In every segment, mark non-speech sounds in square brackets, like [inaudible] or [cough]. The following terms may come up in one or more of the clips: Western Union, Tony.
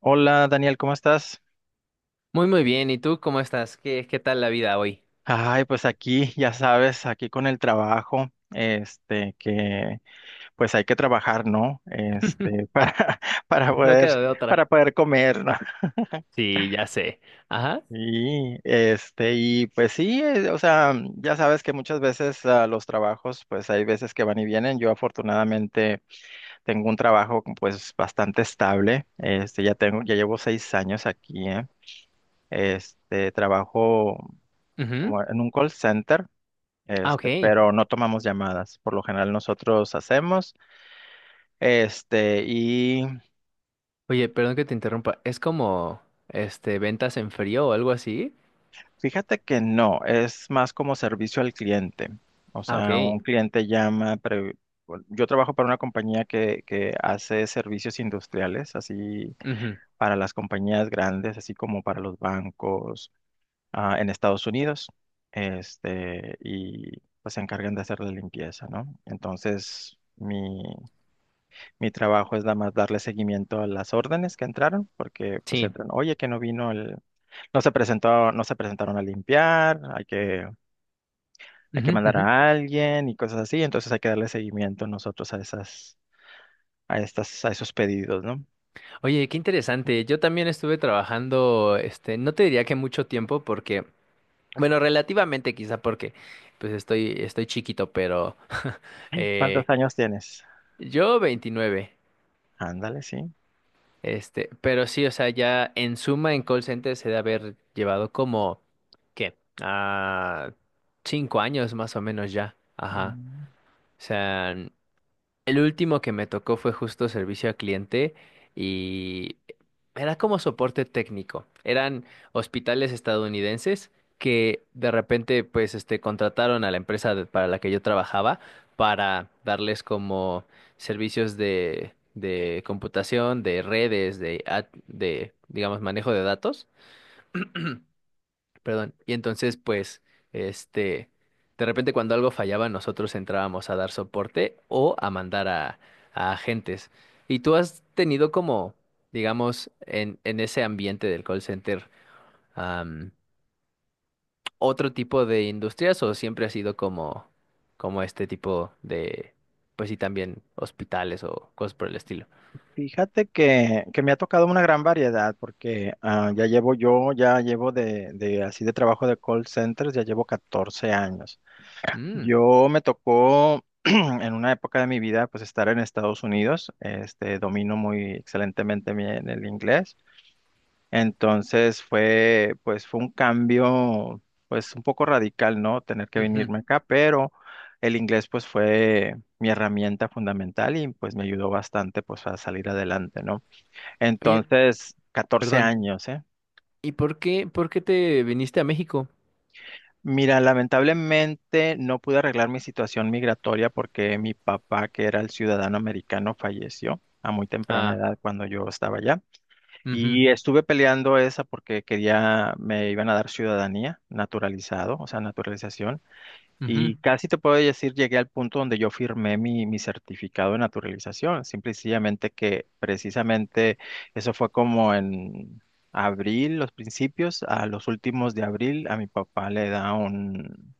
Hola Daniel, ¿cómo estás? Muy, muy bien. ¿Y tú cómo estás? ¿Qué tal la vida hoy? Ay, pues aquí, ya sabes, aquí con el trabajo, que pues hay que trabajar, ¿no? [laughs] [laughs] Para No poder, queda de otra. para poder comer, ¿no? Sí, ya sé. Ajá. Y pues sí, o sea, ya sabes que muchas veces los trabajos, pues hay veces que van y vienen. Yo afortunadamente tengo un trabajo pues bastante estable. Ya llevo 6 años aquí, ¿eh? Trabajo Ujú. como en un call center. Ah, ok. Pero no tomamos llamadas. Por lo general nosotros hacemos, este, y Oye, perdón que te interrumpa. ¿Es como, este, ventas en frío o algo así? fíjate que no, es más como servicio al cliente. O Ah, sea, ok. un cliente llama, bueno, yo trabajo para una compañía que hace servicios industriales, así Ujú. para las compañías grandes, así como para los bancos, en Estados Unidos. Y pues se encargan de hacer la limpieza, ¿no? Entonces, mi trabajo es nada más darle seguimiento a las órdenes que entraron, porque pues Sí. entran, oye, que no se presentaron a limpiar, hay que Ujú, mandar ujú. a alguien y cosas así, entonces hay que darle seguimiento nosotros a esas, a estas, a esos pedidos, ¿no? Oye, qué interesante. Yo también estuve trabajando, este, no te diría que mucho tiempo porque, bueno, relativamente quizá porque, pues estoy chiquito, pero, [laughs] eh, ¿Cuántos años tienes? yo 29. Ándale, sí. Este, pero sí, o sea, ya en suma en call center se debe haber llevado como, ¿qué? Ah, 5 años más o menos ya. Ajá. Mm. O sea, el último que me tocó fue justo servicio al cliente y era como soporte técnico. Eran hospitales estadounidenses que de repente pues este contrataron a la empresa de- para la que yo trabajaba para darles como servicios de computación, de redes, de digamos manejo de datos, perdón. Y entonces, pues, este, de repente cuando algo fallaba, nosotros entrábamos a dar soporte o a mandar a agentes. ¿Y tú has tenido como, digamos, en ese ambiente del call center, am, otro tipo de industrias o siempre ha sido como, como este tipo de, pues sí, también hospitales o cosas por el estilo? Fíjate que me ha tocado una gran variedad, porque ya llevo de así de trabajo de call centers, ya llevo 14 años. Mm, Yo me tocó [clears throat] en una época de mi vida pues estar en Estados Unidos, domino muy excelentemente el inglés, entonces fue un cambio pues un poco radical, ¿no? Tener que ujú. venirme acá, pero el inglés pues fue mi herramienta fundamental y pues me ayudó bastante pues a salir adelante, ¿no? Oye, Entonces, 14 perdón. años, ¿eh? ¿Y por qué te viniste a México? Mira, lamentablemente no pude arreglar mi situación migratoria porque mi papá, que era el ciudadano americano, falleció a muy temprana Ah, edad cuando yo estaba allá. mhm. Y estuve peleando esa porque quería, me iban a dar ciudadanía, naturalizado, o sea, naturalización. Y casi te puedo decir, llegué al punto donde yo firmé mi certificado de naturalización. Simple y sencillamente que precisamente eso fue como en abril, los principios, a los últimos de abril, a mi papá le da un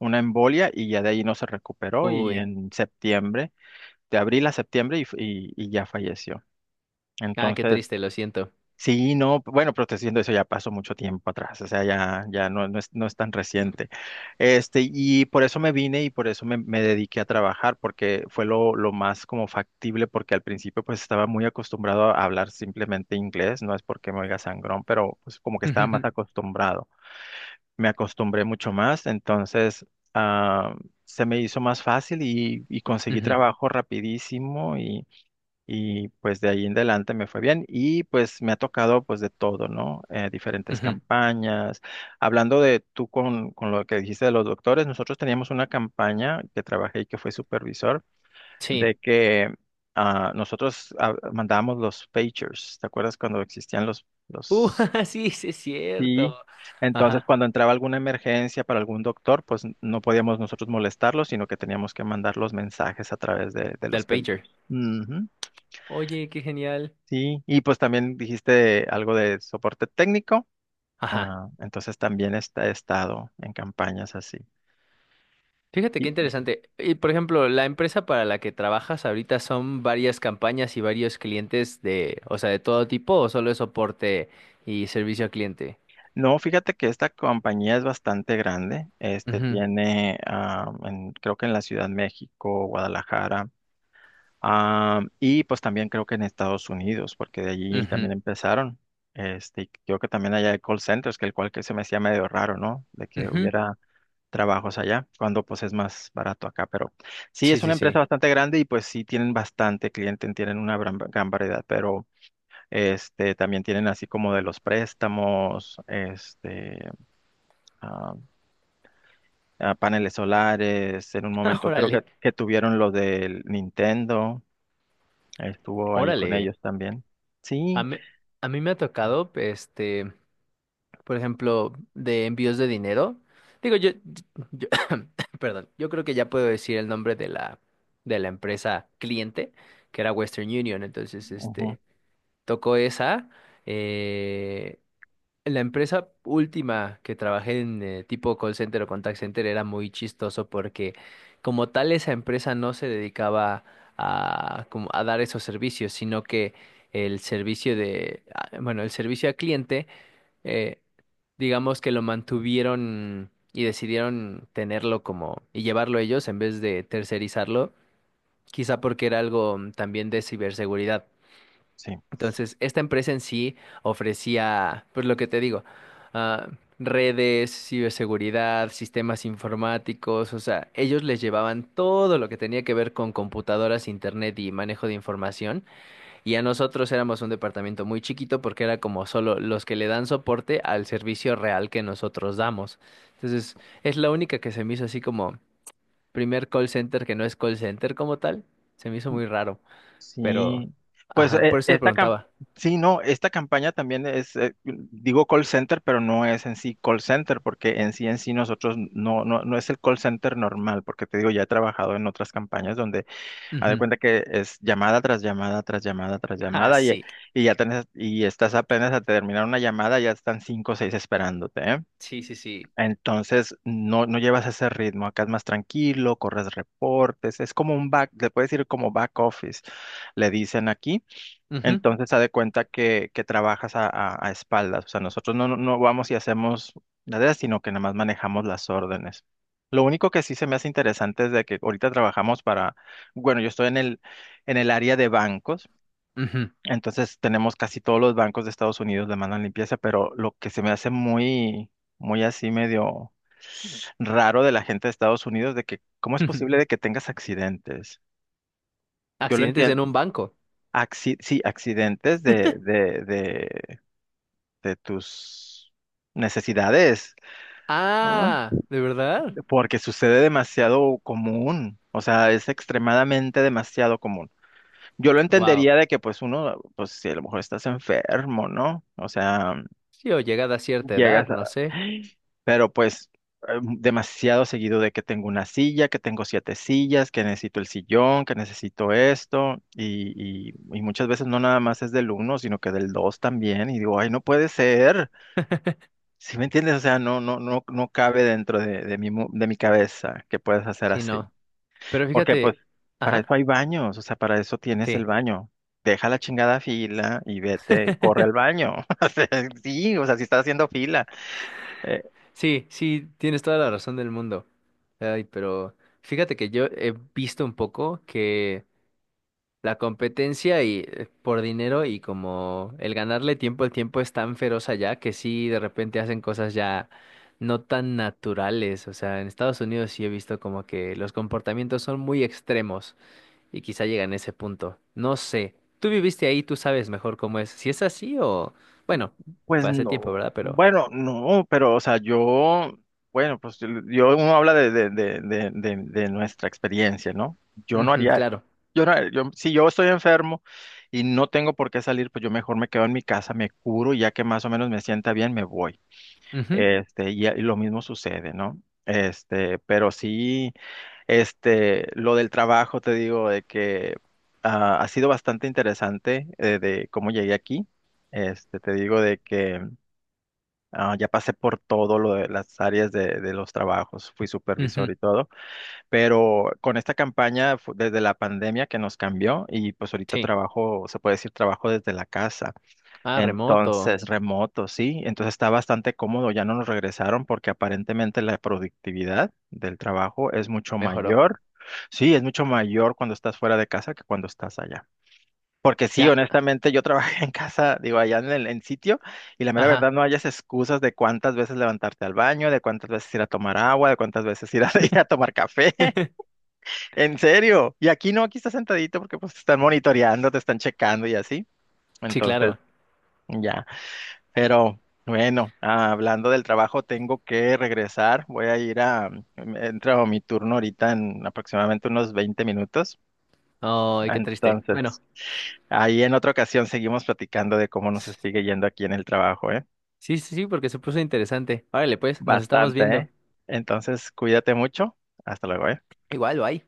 una embolia y ya de ahí no se recuperó y Uy, en septiembre, de abril a septiembre y ya falleció. Qué Entonces, triste, lo siento. sí, no, bueno, pero te estoy diciendo eso ya pasó mucho tiempo atrás, o sea, ya no es tan reciente. Y por eso me vine y por eso me dediqué a trabajar, porque fue lo más como factible, porque al principio pues estaba muy acostumbrado a hablar simplemente inglés, no es porque me oiga sangrón, pero pues como que estaba más [laughs] acostumbrado me acostumbré mucho más, entonces ah, se me hizo más fácil Ujú, conseguí ujú, trabajo rapidísimo y pues de ahí en adelante me fue bien y pues me ha tocado pues de todo, ¿no? Diferentes ujú. campañas. Hablando de tú con lo que dijiste de los doctores, nosotros teníamos una campaña que trabajé y que fue supervisor Sí. de que... nosotros mandábamos los pagers, ¿te acuerdas cuando existían los, Uh, los [laughs] sí, sí es Sí, cierto. entonces Ajá, cuando entraba alguna emergencia para algún doctor, pues no podíamos nosotros molestarlos, sino que teníamos que mandar los mensajes a través de los del pager. pagers. Ujú. Oye, qué genial. Sí, y pues también dijiste algo de soporte técnico, Ajá. Entonces también he estado en campañas así. Fíjate qué Y- interesante. Y por ejemplo, la empresa para la que trabajas ahorita son varias campañas y varios clientes de, o sea, de todo tipo, o solo es soporte y servicio al cliente. no, fíjate que esta compañía es bastante grande. este Ujú, tiene, creo que en la Ciudad de México, Guadalajara. Y pues también creo que en Estados Unidos, porque de allí ujú, también empezaron. Y creo que también allá hay call centers, que el cual que se me hacía medio raro, ¿no? De que ujú. hubiera trabajos allá, cuando pues es más barato acá. Pero sí, Sí, es una sí, empresa sí. bastante grande y pues sí tienen bastante cliente, tienen una gran, gran variedad, pero también tienen así como de los préstamos, ah, paneles solares, en un [laughs] Ah, momento creo que, órale, que tuvieron lo del Nintendo. Estuvo ahí con órale. ellos también. A Sí, mí, a mí me ha tocado, este. Por ejemplo, de envíos de dinero. Digo, yo- [coughs] [clears throat] perdón, yo creo que ya puedo decir el nombre de la, empresa cliente, que era Western Union. Entonces, ujú, este, tocó esa. eh, la empresa última que trabajé en, tipo call center o contact center era muy chistoso porque como tal esa empresa no se dedicaba a, como a dar esos servicios, sino que el servicio de, ah, bueno, el servicio al cliente, eh, digamos que lo mantuvieron y decidieron tenerlo como y llevarlo ellos en vez de tercerizarlo, quizá porque era algo también de ciberseguridad. sí, Entonces, esta empresa en sí ofrecía, pues lo que te digo, ah, redes, ciberseguridad, sistemas informáticos, o sea, ellos les llevaban todo lo que tenía que ver con computadoras, internet y manejo de información. Y a nosotros éramos un departamento muy chiquito porque era como solo los que le dan soporte al servicio real que nosotros damos. Entonces, es la única que se me hizo así como primer call center que no es call center como tal. Se me hizo muy raro, pero... sí. Pues Ajá, por eso te preguntaba. sí, no, esta campaña también es, digo call center, pero no es en sí call center, porque en sí nosotros no es el call center normal, porque te digo, ya he trabajado en otras campañas donde haz de Ujú. cuenta que es llamada tras llamada tras llamada tras [laughs] Ah, llamada, sí. Y estás apenas a terminar una llamada, ya están 5 o 6 esperándote, ¿eh? Sí, sí, sí. Entonces no llevas ese ritmo, acá es más tranquilo, corres reportes, es como un back, le puedes decir como back office, le dicen aquí. Ujú, Entonces, haz de cuenta que trabajas a espaldas. O sea, nosotros no vamos y hacemos nada, sino que nada más manejamos las órdenes. Lo único que sí se me hace interesante es de que ahorita trabajamos para, bueno, yo estoy en el área de bancos, ujú, entonces tenemos casi todos los bancos de Estados Unidos le mandan limpieza, pero lo que se me hace muy, muy así medio raro de la gente de Estados Unidos, de que, ¿cómo es [laughs] ujú. posible de que tengas accidentes? Yo lo Accidentes entiendo. en un banco. Sí, accidentes de tus necesidades, ¿no? Ah, ¿de verdad? Porque sucede demasiado común, o sea, es extremadamente demasiado común. Yo lo Wow. entendería de que pues uno, pues si a lo mejor estás enfermo, ¿no? O sea, Sí, o llegada a cierta edad, llegas a. no sé. Pero pues demasiado seguido de que tengo una silla, que tengo 7 sillas, que necesito el sillón, que necesito esto, y muchas veces no nada más es del uno, sino que del dos también, y digo, ay, no puede ser. ¿Si me entiendes? O sea, no cabe dentro de mi cabeza que puedas hacer Sí, así. no. Pero Porque, pues, fíjate, para eso ajá, hay baños, o sea, para eso tienes el sí. baño. Deja la chingada fila y vete, corre al [laughs] baño. [laughs] O sea, sí, o sea, si estás haciendo fila. Sí, sí, tienes toda la razón del mundo. Ay, pero fíjate que yo he visto un poco que la competencia y por dinero y como el ganarle tiempo al tiempo es tan feroz allá que sí de repente hacen cosas ya no tan naturales. O sea, en Estados Unidos sí he visto como que los comportamientos son muy extremos y quizá llegan a ese punto. No sé. Tú viviste ahí, tú sabes mejor cómo es. Si es así o bueno, Pues fue hace tiempo, no, ¿verdad? Pero bueno, no, pero o sea, yo, bueno, pues yo, uno habla de nuestra experiencia, ¿no? Yo no ujú, haría, claro. yo no, haría- yo, Si yo estoy enfermo y no tengo por qué salir, pues yo mejor me quedo en mi casa, me curo, y ya que más o menos me sienta bien, me voy. Ujú, Y lo mismo sucede, ¿no? Pero sí, lo del trabajo, te digo, de que ha sido bastante interesante, de cómo llegué aquí. Te digo de que ya pasé por todo lo de las áreas de los trabajos, fui supervisor ujú. y todo, pero con esta campaña desde la pandemia que nos cambió y pues ahorita Sí. trabajo, se puede decir trabajo desde la casa, Ah, remoto. entonces remoto, sí, entonces está bastante cómodo, ya no nos regresaron porque aparentemente la productividad del trabajo es mucho Mejoró. mayor, sí, es mucho mayor cuando estás fuera de casa que cuando estás allá. Porque sí, Ya. honestamente, yo trabajé en casa, digo, allá en sitio, y la mera verdad Ajá. no hayas excusas de cuántas veces levantarte al baño, de cuántas veces ir a tomar agua, de cuántas veces ir a, [laughs] ir a tomar café. [laughs] [laughs] En serio. Y aquí no, aquí estás sentadito porque pues te están monitoreando, te están checando y así. Sí, Entonces, claro. ya. Pero bueno, hablando del trabajo, tengo que regresar. Voy a ir a, mm, Entro a mi turno ahorita en aproximadamente unos 20 minutos. Ay, qué triste. Bueno. Entonces, ahí en otra ocasión seguimos platicando de cómo nos sigue yendo aquí en el trabajo, ¿eh? Sí, sí, sí, porque se puso interesante. Órale, pues, nos estamos Bastante, viendo. ¿eh? Entonces, cuídate mucho. Hasta luego, ¿eh? Igual, bye.